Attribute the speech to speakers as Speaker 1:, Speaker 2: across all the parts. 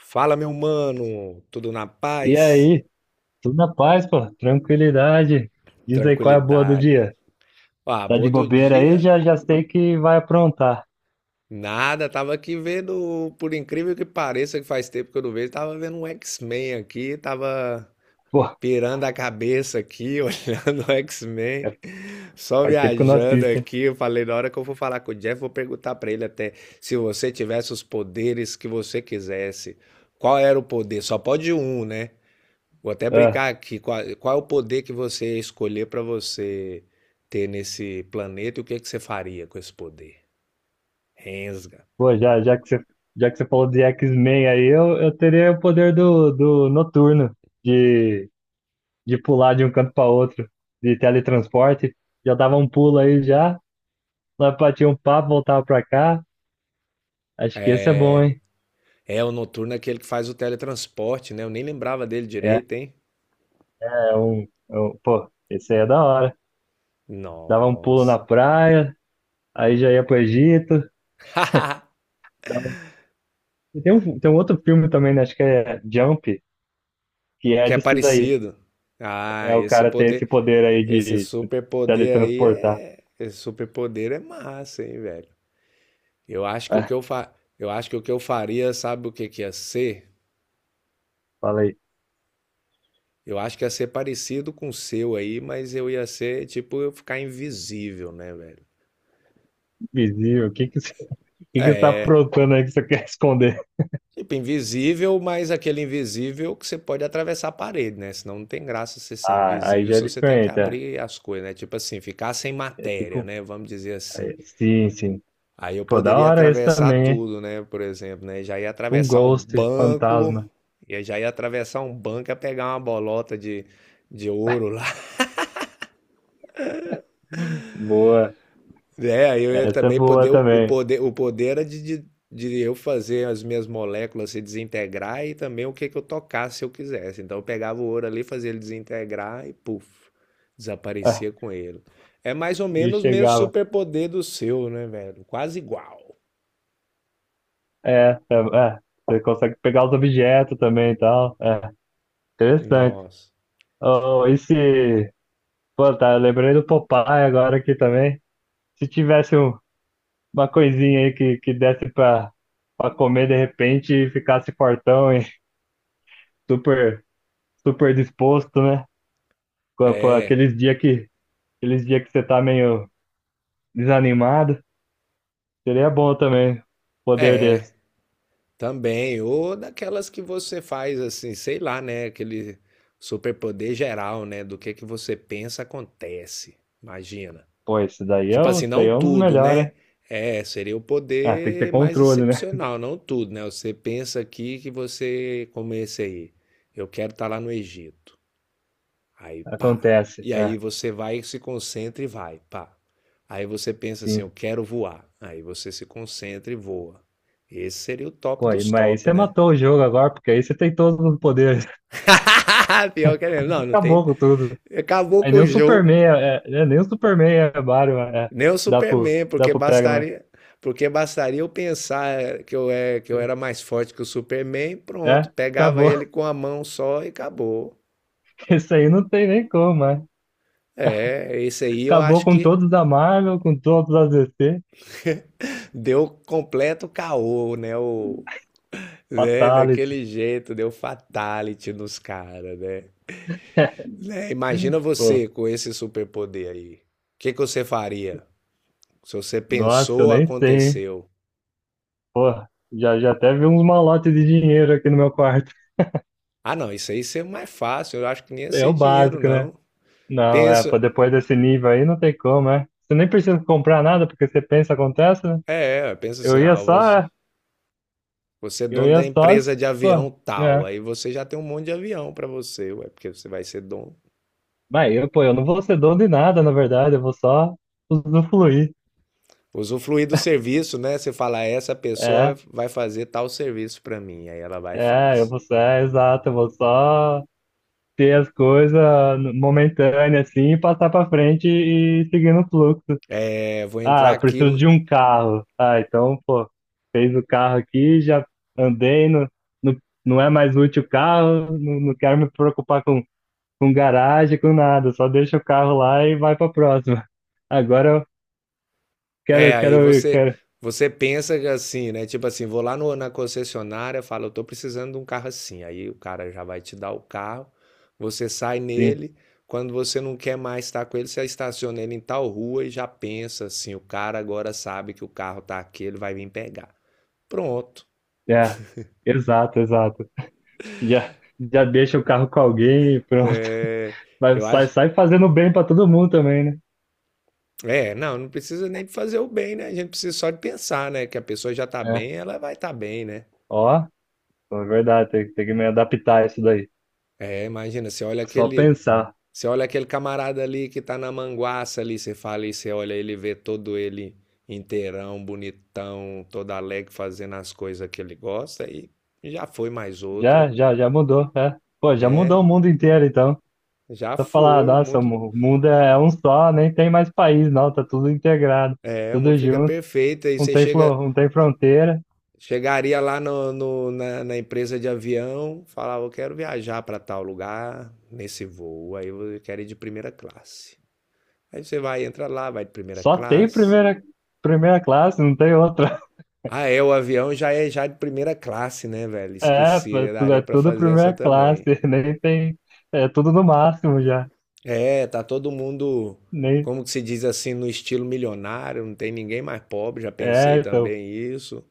Speaker 1: Fala, meu mano, tudo na
Speaker 2: E
Speaker 1: paz?
Speaker 2: aí? Tudo na paz, pô. Tranquilidade. Diz aí qual é a boa do
Speaker 1: Tranquilidade.
Speaker 2: dia.
Speaker 1: Ó, a
Speaker 2: Tá de
Speaker 1: boa do
Speaker 2: bobeira aí?
Speaker 1: dia,
Speaker 2: Já sei que vai aprontar.
Speaker 1: nada, tava aqui vendo, por incrível que pareça, que faz tempo que eu não vejo, tava vendo um X-Men aqui, tava
Speaker 2: Pô,
Speaker 1: pirando a cabeça aqui, olhando o X-Men,
Speaker 2: é-
Speaker 1: só
Speaker 2: faz tempo que eu não
Speaker 1: viajando
Speaker 2: assisto, hein?
Speaker 1: aqui. Eu falei, na hora que eu for falar com o Jeff, vou perguntar pra ele até se você tivesse os poderes que você quisesse, qual era o poder? Só pode um, né? Vou até
Speaker 2: Ah,
Speaker 1: brincar aqui, qual é o poder que você ia escolher para você ter nesse planeta e o que é que você faria com esse poder? Rensga.
Speaker 2: pô, já, já que você falou de X-Men aí, eu teria o poder do, do noturno, de, de pular de um canto para outro, de teletransporte. Já dava um pulo aí já, lá batia um papo, voltava pra cá. Acho que esse é bom, hein?
Speaker 1: É, o Noturno é aquele que faz o teletransporte, né? Eu nem lembrava dele
Speaker 2: É,
Speaker 1: direito, hein?
Speaker 2: é um, é um, pô, esse aí é da hora. Dava um pulo na
Speaker 1: Nossa.
Speaker 2: praia. Aí já ia pro Egito. dava- E tem um, tem um outro filme também, né? Acho que é Jump, que é
Speaker 1: Que é
Speaker 2: disso daí.
Speaker 1: parecido.
Speaker 2: É
Speaker 1: Ah,
Speaker 2: o cara ter esse poder aí
Speaker 1: esse
Speaker 2: de
Speaker 1: superpoder aí
Speaker 2: teletransportar.
Speaker 1: é, esse superpoder é massa, hein, velho? Eu acho que o que
Speaker 2: É,
Speaker 1: eu fa... eu acho que o que eu faria, sabe o que que ia ser?
Speaker 2: fala aí,
Speaker 1: Eu acho que ia ser parecido com o seu aí, mas eu ia ser, tipo, eu ficar invisível, né, velho?
Speaker 2: invisível, o que que, o que que você tá
Speaker 1: É.
Speaker 2: aprontando aí que você quer esconder?
Speaker 1: Tipo, invisível, mas aquele invisível que você pode atravessar a parede, né? Senão não tem graça você ser
Speaker 2: Ah, aí
Speaker 1: invisível
Speaker 2: já
Speaker 1: se
Speaker 2: é
Speaker 1: você tem que
Speaker 2: diferente, é.
Speaker 1: abrir as coisas, né? Tipo assim, ficar sem
Speaker 2: É
Speaker 1: matéria,
Speaker 2: tipo,
Speaker 1: né? Vamos dizer assim.
Speaker 2: sim, sim.
Speaker 1: Aí eu
Speaker 2: Pô, da
Speaker 1: poderia
Speaker 2: hora esse
Speaker 1: atravessar
Speaker 2: também, hein?
Speaker 1: tudo, né? Por exemplo, né? Já ia
Speaker 2: Um
Speaker 1: atravessar um
Speaker 2: ghost,
Speaker 1: banco,
Speaker 2: fantasma.
Speaker 1: eu já ia atravessar um banco e ia pegar uma bolota de, ouro lá.
Speaker 2: Boa,
Speaker 1: É, eu ia
Speaker 2: essa é
Speaker 1: também poder,
Speaker 2: boa
Speaker 1: o
Speaker 2: também.
Speaker 1: poder, o poder era de eu fazer as minhas moléculas se desintegrar e também o que que eu tocasse se eu quisesse. Então eu pegava o ouro ali, fazia ele desintegrar e puf,
Speaker 2: Ah,
Speaker 1: desaparecia com ele. É mais ou
Speaker 2: e
Speaker 1: menos o mesmo
Speaker 2: chegava.
Speaker 1: superpoder do seu, né, velho? Quase igual.
Speaker 2: É, é, é, você consegue pegar os objetos também e tal. É, interessante.
Speaker 1: Nossa.
Speaker 2: Oh, esse. Pô, tá, eu lembrei do Popeye agora aqui também. Se tivesse um- Uma coisinha aí que desse pra, pra comer de repente e ficasse fortão e super, super disposto, né? Com aqueles dias que, aqueles dia que você tá meio desanimado, seria bom também poder
Speaker 1: É,
Speaker 2: desse.
Speaker 1: também. Ou daquelas que você faz assim, sei lá, né? Aquele superpoder geral, né? Do que você pensa acontece. Imagina.
Speaker 2: Pô, esse daí é,
Speaker 1: Tipo assim,
Speaker 2: esse aí
Speaker 1: não
Speaker 2: é um dos
Speaker 1: tudo,
Speaker 2: melhores, hein?
Speaker 1: né? É, seria o
Speaker 2: Ah, tem que ter
Speaker 1: poder mais
Speaker 2: controle, né?
Speaker 1: excepcional, não tudo, né? Você pensa aqui que você, como esse aí, eu quero estar lá no Egito. Aí, pá.
Speaker 2: Acontece.
Speaker 1: E
Speaker 2: É,
Speaker 1: aí você vai, se concentra e vai, pá. Aí você pensa assim, eu
Speaker 2: sim.
Speaker 1: quero voar. Aí você se concentra e voa. Esse seria o top
Speaker 2: Pô,
Speaker 1: dos
Speaker 2: mas aí
Speaker 1: top,
Speaker 2: você
Speaker 1: né?
Speaker 2: matou o jogo agora, porque aí você tem todos os poderes.
Speaker 1: Pior que é mesmo. Não, não tem.
Speaker 2: Acabou com tudo.
Speaker 1: Acabou
Speaker 2: Aí
Speaker 1: com
Speaker 2: nem
Speaker 1: o
Speaker 2: o
Speaker 1: jogo.
Speaker 2: Superman é, nem o Superman é Batman, é,
Speaker 1: Nem o Superman,
Speaker 2: dá pro pega, mas
Speaker 1: porque bastaria eu pensar que eu, é, que eu era mais forte que o Superman, pronto,
Speaker 2: é,
Speaker 1: pegava
Speaker 2: acabou.
Speaker 1: ele com a mão só e acabou.
Speaker 2: Isso aí não tem nem como, mas
Speaker 1: É, esse aí eu
Speaker 2: acabou
Speaker 1: acho
Speaker 2: com
Speaker 1: que
Speaker 2: todos da Marvel, com todos da DC.
Speaker 1: deu completo caô, né? O, né?
Speaker 2: Fatality.
Speaker 1: Daquele jeito, deu fatality nos caras, né? Né, imagina
Speaker 2: Pô,
Speaker 1: você com esse superpoder aí. O que, que você faria? Se você
Speaker 2: nossa, eu
Speaker 1: pensou,
Speaker 2: nem sei, hein?
Speaker 1: aconteceu.
Speaker 2: Porra, já até vi uns malotes de dinheiro aqui no meu quarto.
Speaker 1: Ah, não, isso aí seria mais fácil. Eu acho que nem ia
Speaker 2: É
Speaker 1: ser
Speaker 2: o
Speaker 1: dinheiro,
Speaker 2: básico, né?
Speaker 1: não.
Speaker 2: Não, é, pô,
Speaker 1: Pensa,
Speaker 2: depois desse nível aí não tem como, é. Você nem precisa comprar nada, porque você pensa, acontece, né?
Speaker 1: é, é, pensa
Speaker 2: Eu
Speaker 1: assim,
Speaker 2: ia
Speaker 1: ah,
Speaker 2: só,
Speaker 1: você
Speaker 2: é,
Speaker 1: você é
Speaker 2: eu
Speaker 1: dono
Speaker 2: ia
Speaker 1: da
Speaker 2: só,
Speaker 1: empresa de
Speaker 2: pô,
Speaker 1: avião tal,
Speaker 2: é.
Speaker 1: aí você já tem um monte de avião para você, ué, porque você vai ser dono.
Speaker 2: Mas eu, pô, eu não vou ser dono de nada, na verdade, eu vou só usufruir.
Speaker 1: Usufruir do serviço, né? Você fala, essa pessoa
Speaker 2: É,
Speaker 1: vai fazer tal serviço para mim, aí ela vai e
Speaker 2: é, eu
Speaker 1: faz.
Speaker 2: vou ser, é, exato, eu vou só ter as coisas momentâneas assim e passar pra frente e seguindo o fluxo.
Speaker 1: É, vou entrar
Speaker 2: Ah,
Speaker 1: aqui.
Speaker 2: preciso de um carro. Ah, então, pô, fez o carro aqui, já andei, no, não é mais útil o carro, não, não quero me preocupar com garagem, com nada, só deixa o carro lá e vai pra próxima. Agora eu
Speaker 1: É,
Speaker 2: quero,
Speaker 1: aí
Speaker 2: quero,
Speaker 1: você
Speaker 2: quero,
Speaker 1: você pensa que assim, né? Tipo assim, vou lá na concessionária, falo, eu tô precisando de um carro assim. Aí o cara já vai te dar o carro, você sai
Speaker 2: sim.
Speaker 1: nele. Quando você não quer mais estar com ele, você estaciona ele em tal rua e já pensa assim, o cara agora sabe que o carro tá aqui, ele vai vir pegar. Pronto.
Speaker 2: É, exato, exato. Já, já deixa o carro com alguém e pronto.
Speaker 1: É,
Speaker 2: Vai,
Speaker 1: eu
Speaker 2: sai,
Speaker 1: acho.
Speaker 2: sai fazendo bem pra todo mundo também, né?
Speaker 1: É, não, não precisa nem fazer o bem, né? A gente precisa só de pensar, né? Que a pessoa já tá
Speaker 2: É.
Speaker 1: bem, ela vai estar tá bem, né?
Speaker 2: Ó, é verdade, tem, tem que me adaptar a isso daí.
Speaker 1: É, imagina, você olha
Speaker 2: Só
Speaker 1: aquele
Speaker 2: pensar.
Speaker 1: Você olha aquele camarada ali que tá na manguaça ali, você fala e você olha ele vê todo ele inteirão, bonitão, todo alegre fazendo as coisas que ele gosta e já foi mais
Speaker 2: Já,
Speaker 1: outro,
Speaker 2: já, já mudou, é. Pô, já
Speaker 1: né?
Speaker 2: mudou o mundo inteiro, então.
Speaker 1: Já
Speaker 2: Só falar,
Speaker 1: foi, o
Speaker 2: nossa,
Speaker 1: mundo,
Speaker 2: o mundo é um só, nem tem mais país, não, tá tudo integrado,
Speaker 1: é, o
Speaker 2: tudo
Speaker 1: mundo fica
Speaker 2: junto,
Speaker 1: perfeito aí você chega
Speaker 2: não tem fronteira,
Speaker 1: chegaria lá na empresa de avião, falava, eu quero viajar para tal lugar nesse voo, aí eu quero ir de primeira classe. Aí você vai, entra lá, vai de primeira
Speaker 2: só tem
Speaker 1: classe.
Speaker 2: primeira, primeira classe, não tem outra.
Speaker 1: Ah, é, o avião já é já de primeira classe, né, velho?
Speaker 2: É, pô,
Speaker 1: Esqueci,
Speaker 2: é
Speaker 1: daria pra
Speaker 2: tudo
Speaker 1: fazer essa
Speaker 2: primeira classe,
Speaker 1: também.
Speaker 2: nem tem. É tudo no máximo já.
Speaker 1: É, tá todo mundo,
Speaker 2: Nem,
Speaker 1: como que se diz assim, no estilo milionário, não tem ninguém mais pobre, já pensei
Speaker 2: é, então,
Speaker 1: também isso.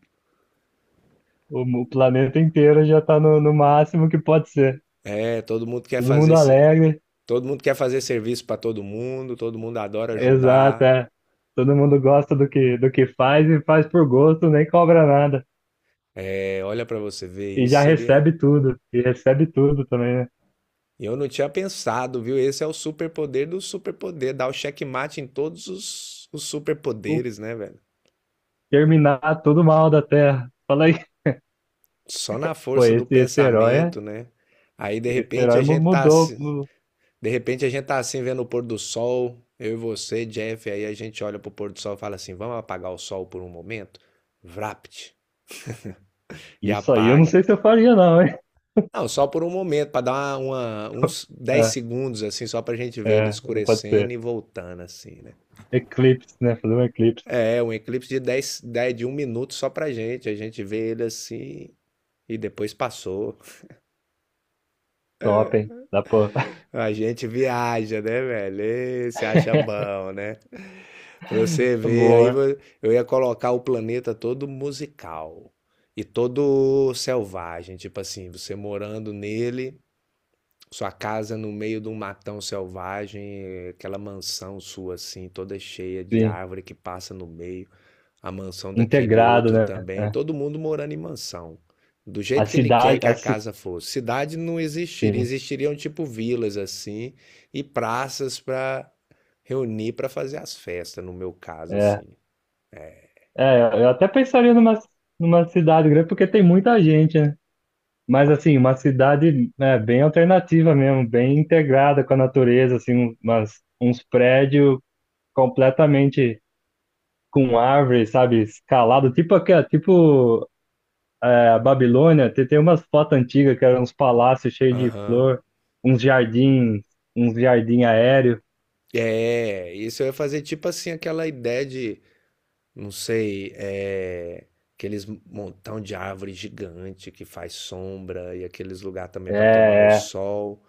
Speaker 2: o planeta inteiro já tá no, no máximo que pode ser.
Speaker 1: É, todo mundo quer
Speaker 2: Todo
Speaker 1: fazer,
Speaker 2: mundo
Speaker 1: se-
Speaker 2: alegre,
Speaker 1: todo mundo quer fazer serviço pra todo mundo adora
Speaker 2: exato,
Speaker 1: ajudar.
Speaker 2: é. Todo mundo gosta do que faz e faz por gosto, nem cobra nada.
Speaker 1: É, olha pra você ver,
Speaker 2: E
Speaker 1: isso
Speaker 2: já
Speaker 1: seria.
Speaker 2: recebe tudo, e recebe tudo também, né?
Speaker 1: E eu não tinha pensado, viu? Esse é o superpoder do superpoder, dar o checkmate em todos os
Speaker 2: O,
Speaker 1: superpoderes, né, velho?
Speaker 2: terminar tudo mal da Terra. Fala aí,
Speaker 1: Só na
Speaker 2: pô,
Speaker 1: força do
Speaker 2: esse herói,
Speaker 1: pensamento, né? Aí de
Speaker 2: esse
Speaker 1: repente
Speaker 2: herói
Speaker 1: a gente tá
Speaker 2: mudou.
Speaker 1: assim, de repente a gente tá assim vendo o pôr do sol, eu e você, Jeff, aí a gente olha pro pôr do sol e fala assim: "Vamos apagar o sol por um momento?" Vrapt. E
Speaker 2: Isso aí eu não
Speaker 1: apaga.
Speaker 2: sei se eu faria, não, hein?
Speaker 1: Não, só por um momento, para dar uns 10 segundos, assim, só pra gente
Speaker 2: É,
Speaker 1: ver ele
Speaker 2: é, pode
Speaker 1: escurecendo
Speaker 2: ser.
Speaker 1: e voltando, assim, né?
Speaker 2: Eclipse, né? Fazer um eclipse
Speaker 1: É, um eclipse de dez de 1 minuto só pra gente. A gente vê ele assim e depois passou.
Speaker 2: top, hein? Dá pra.
Speaker 1: A gente viaja, né, velho? Ê, se acha bom, né? Pra você ver,
Speaker 2: Boa,
Speaker 1: eu ia colocar o planeta todo musical e todo selvagem, tipo assim, você morando nele, sua casa no meio de um matão selvagem, aquela mansão sua assim, toda cheia de
Speaker 2: sim.
Speaker 1: árvore que passa no meio, a mansão daquele
Speaker 2: Integrado,
Speaker 1: outro
Speaker 2: né?
Speaker 1: também,
Speaker 2: É.
Speaker 1: todo mundo morando em mansão, do
Speaker 2: A
Speaker 1: jeito que ele quer
Speaker 2: cidade,
Speaker 1: que
Speaker 2: a
Speaker 1: a
Speaker 2: ci-
Speaker 1: casa fosse. Cidade não existiria,
Speaker 2: sim.
Speaker 1: existiriam tipo vilas assim e praças para reunir para fazer as festas, no meu caso
Speaker 2: É,
Speaker 1: assim.
Speaker 2: eu até pensaria numa, numa cidade grande, porque tem muita gente, né? Mas, assim, uma cidade né, bem alternativa mesmo, bem integrada com a natureza, assim, umas, uns prédios completamente com árvores, sabe? Escalado, tipo, aquela, tipo é, a Babilônia, tem, tem umas fotos antigas que eram uns palácios cheios de
Speaker 1: Aham.
Speaker 2: flor, uns jardins, uns jardim aéreo.
Speaker 1: É, isso eu ia fazer tipo assim, aquela ideia de, não sei, é, aqueles montão de árvore gigante que faz sombra e aqueles lugar também para tomar o
Speaker 2: É, é,
Speaker 1: sol.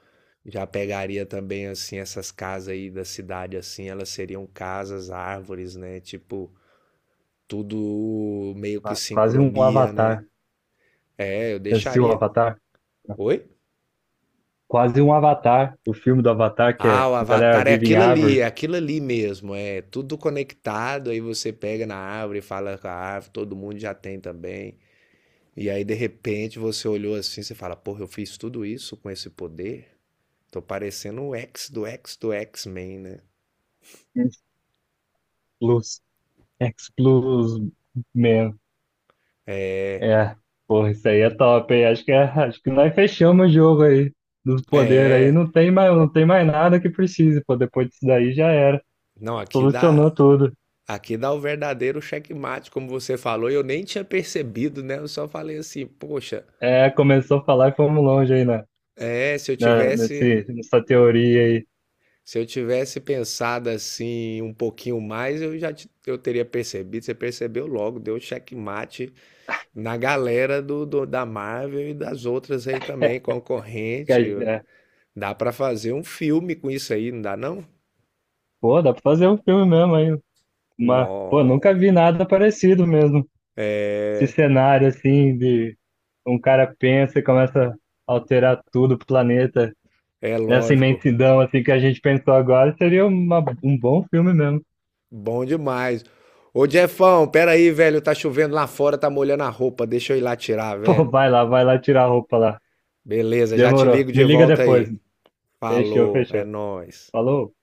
Speaker 1: Já pegaria também assim essas casas aí da cidade assim, elas seriam casas, árvores, né? Tipo, tudo meio que
Speaker 2: quase um
Speaker 1: sincronia, né?
Speaker 2: Avatar.
Speaker 1: É, eu
Speaker 2: Esse é o
Speaker 1: deixaria.
Speaker 2: Avatar?
Speaker 1: Oi?
Speaker 2: Quase um Avatar. O filme do Avatar que
Speaker 1: Ah,
Speaker 2: é
Speaker 1: o
Speaker 2: Galera
Speaker 1: Avatar
Speaker 2: Vive em Árvore.
Speaker 1: é aquilo ali mesmo, é tudo conectado, aí você pega na árvore, fala com a árvore, todo mundo já tem também. E aí, de repente, você olhou assim, você fala, porra, eu fiz tudo isso com esse poder? Tô parecendo o X do X-Men, né?
Speaker 2: Explus. Explus Man.
Speaker 1: É,
Speaker 2: É, porra, isso aí é top, hein? Acho que, é, acho que nós fechamos o jogo aí. Dos poderes aí,
Speaker 1: é,
Speaker 2: não tem mais, não tem mais nada que precise, pô. Depois disso daí já era.
Speaker 1: não, aqui dá,
Speaker 2: Solucionou tudo.
Speaker 1: aqui dá o verdadeiro checkmate, como você falou, e eu nem tinha percebido, né? Eu só falei assim, poxa,
Speaker 2: É, começou a falar e fomos longe aí na,
Speaker 1: é, se eu tivesse,
Speaker 2: nessa teoria aí.
Speaker 1: se eu tivesse pensado assim um pouquinho mais, eu teria percebido, você percebeu logo, deu checkmate na galera da Marvel e das outras aí também,
Speaker 2: Que a-
Speaker 1: concorrente.
Speaker 2: é,
Speaker 1: Dá pra fazer um filme com isso aí, não dá não?
Speaker 2: pô, dá pra fazer um filme mesmo aí. Mas, pô,
Speaker 1: Não,
Speaker 2: nunca vi nada parecido mesmo. Esse cenário assim de um cara pensa e começa a alterar tudo o planeta.
Speaker 1: é
Speaker 2: Nessa
Speaker 1: lógico.
Speaker 2: imensidão assim que a gente pensou agora, seria uma, um bom filme mesmo.
Speaker 1: Bom demais. Ô Jeffão, pera aí, velho, tá chovendo lá fora, tá molhando a roupa, deixa eu ir lá tirar,
Speaker 2: Pô,
Speaker 1: velho.
Speaker 2: vai lá tirar a roupa lá.
Speaker 1: Beleza, já te
Speaker 2: Demorou.
Speaker 1: ligo de
Speaker 2: Me liga
Speaker 1: volta
Speaker 2: depois.
Speaker 1: aí.
Speaker 2: Fechou,
Speaker 1: Falou, é
Speaker 2: fechou.
Speaker 1: nóis.
Speaker 2: Falou.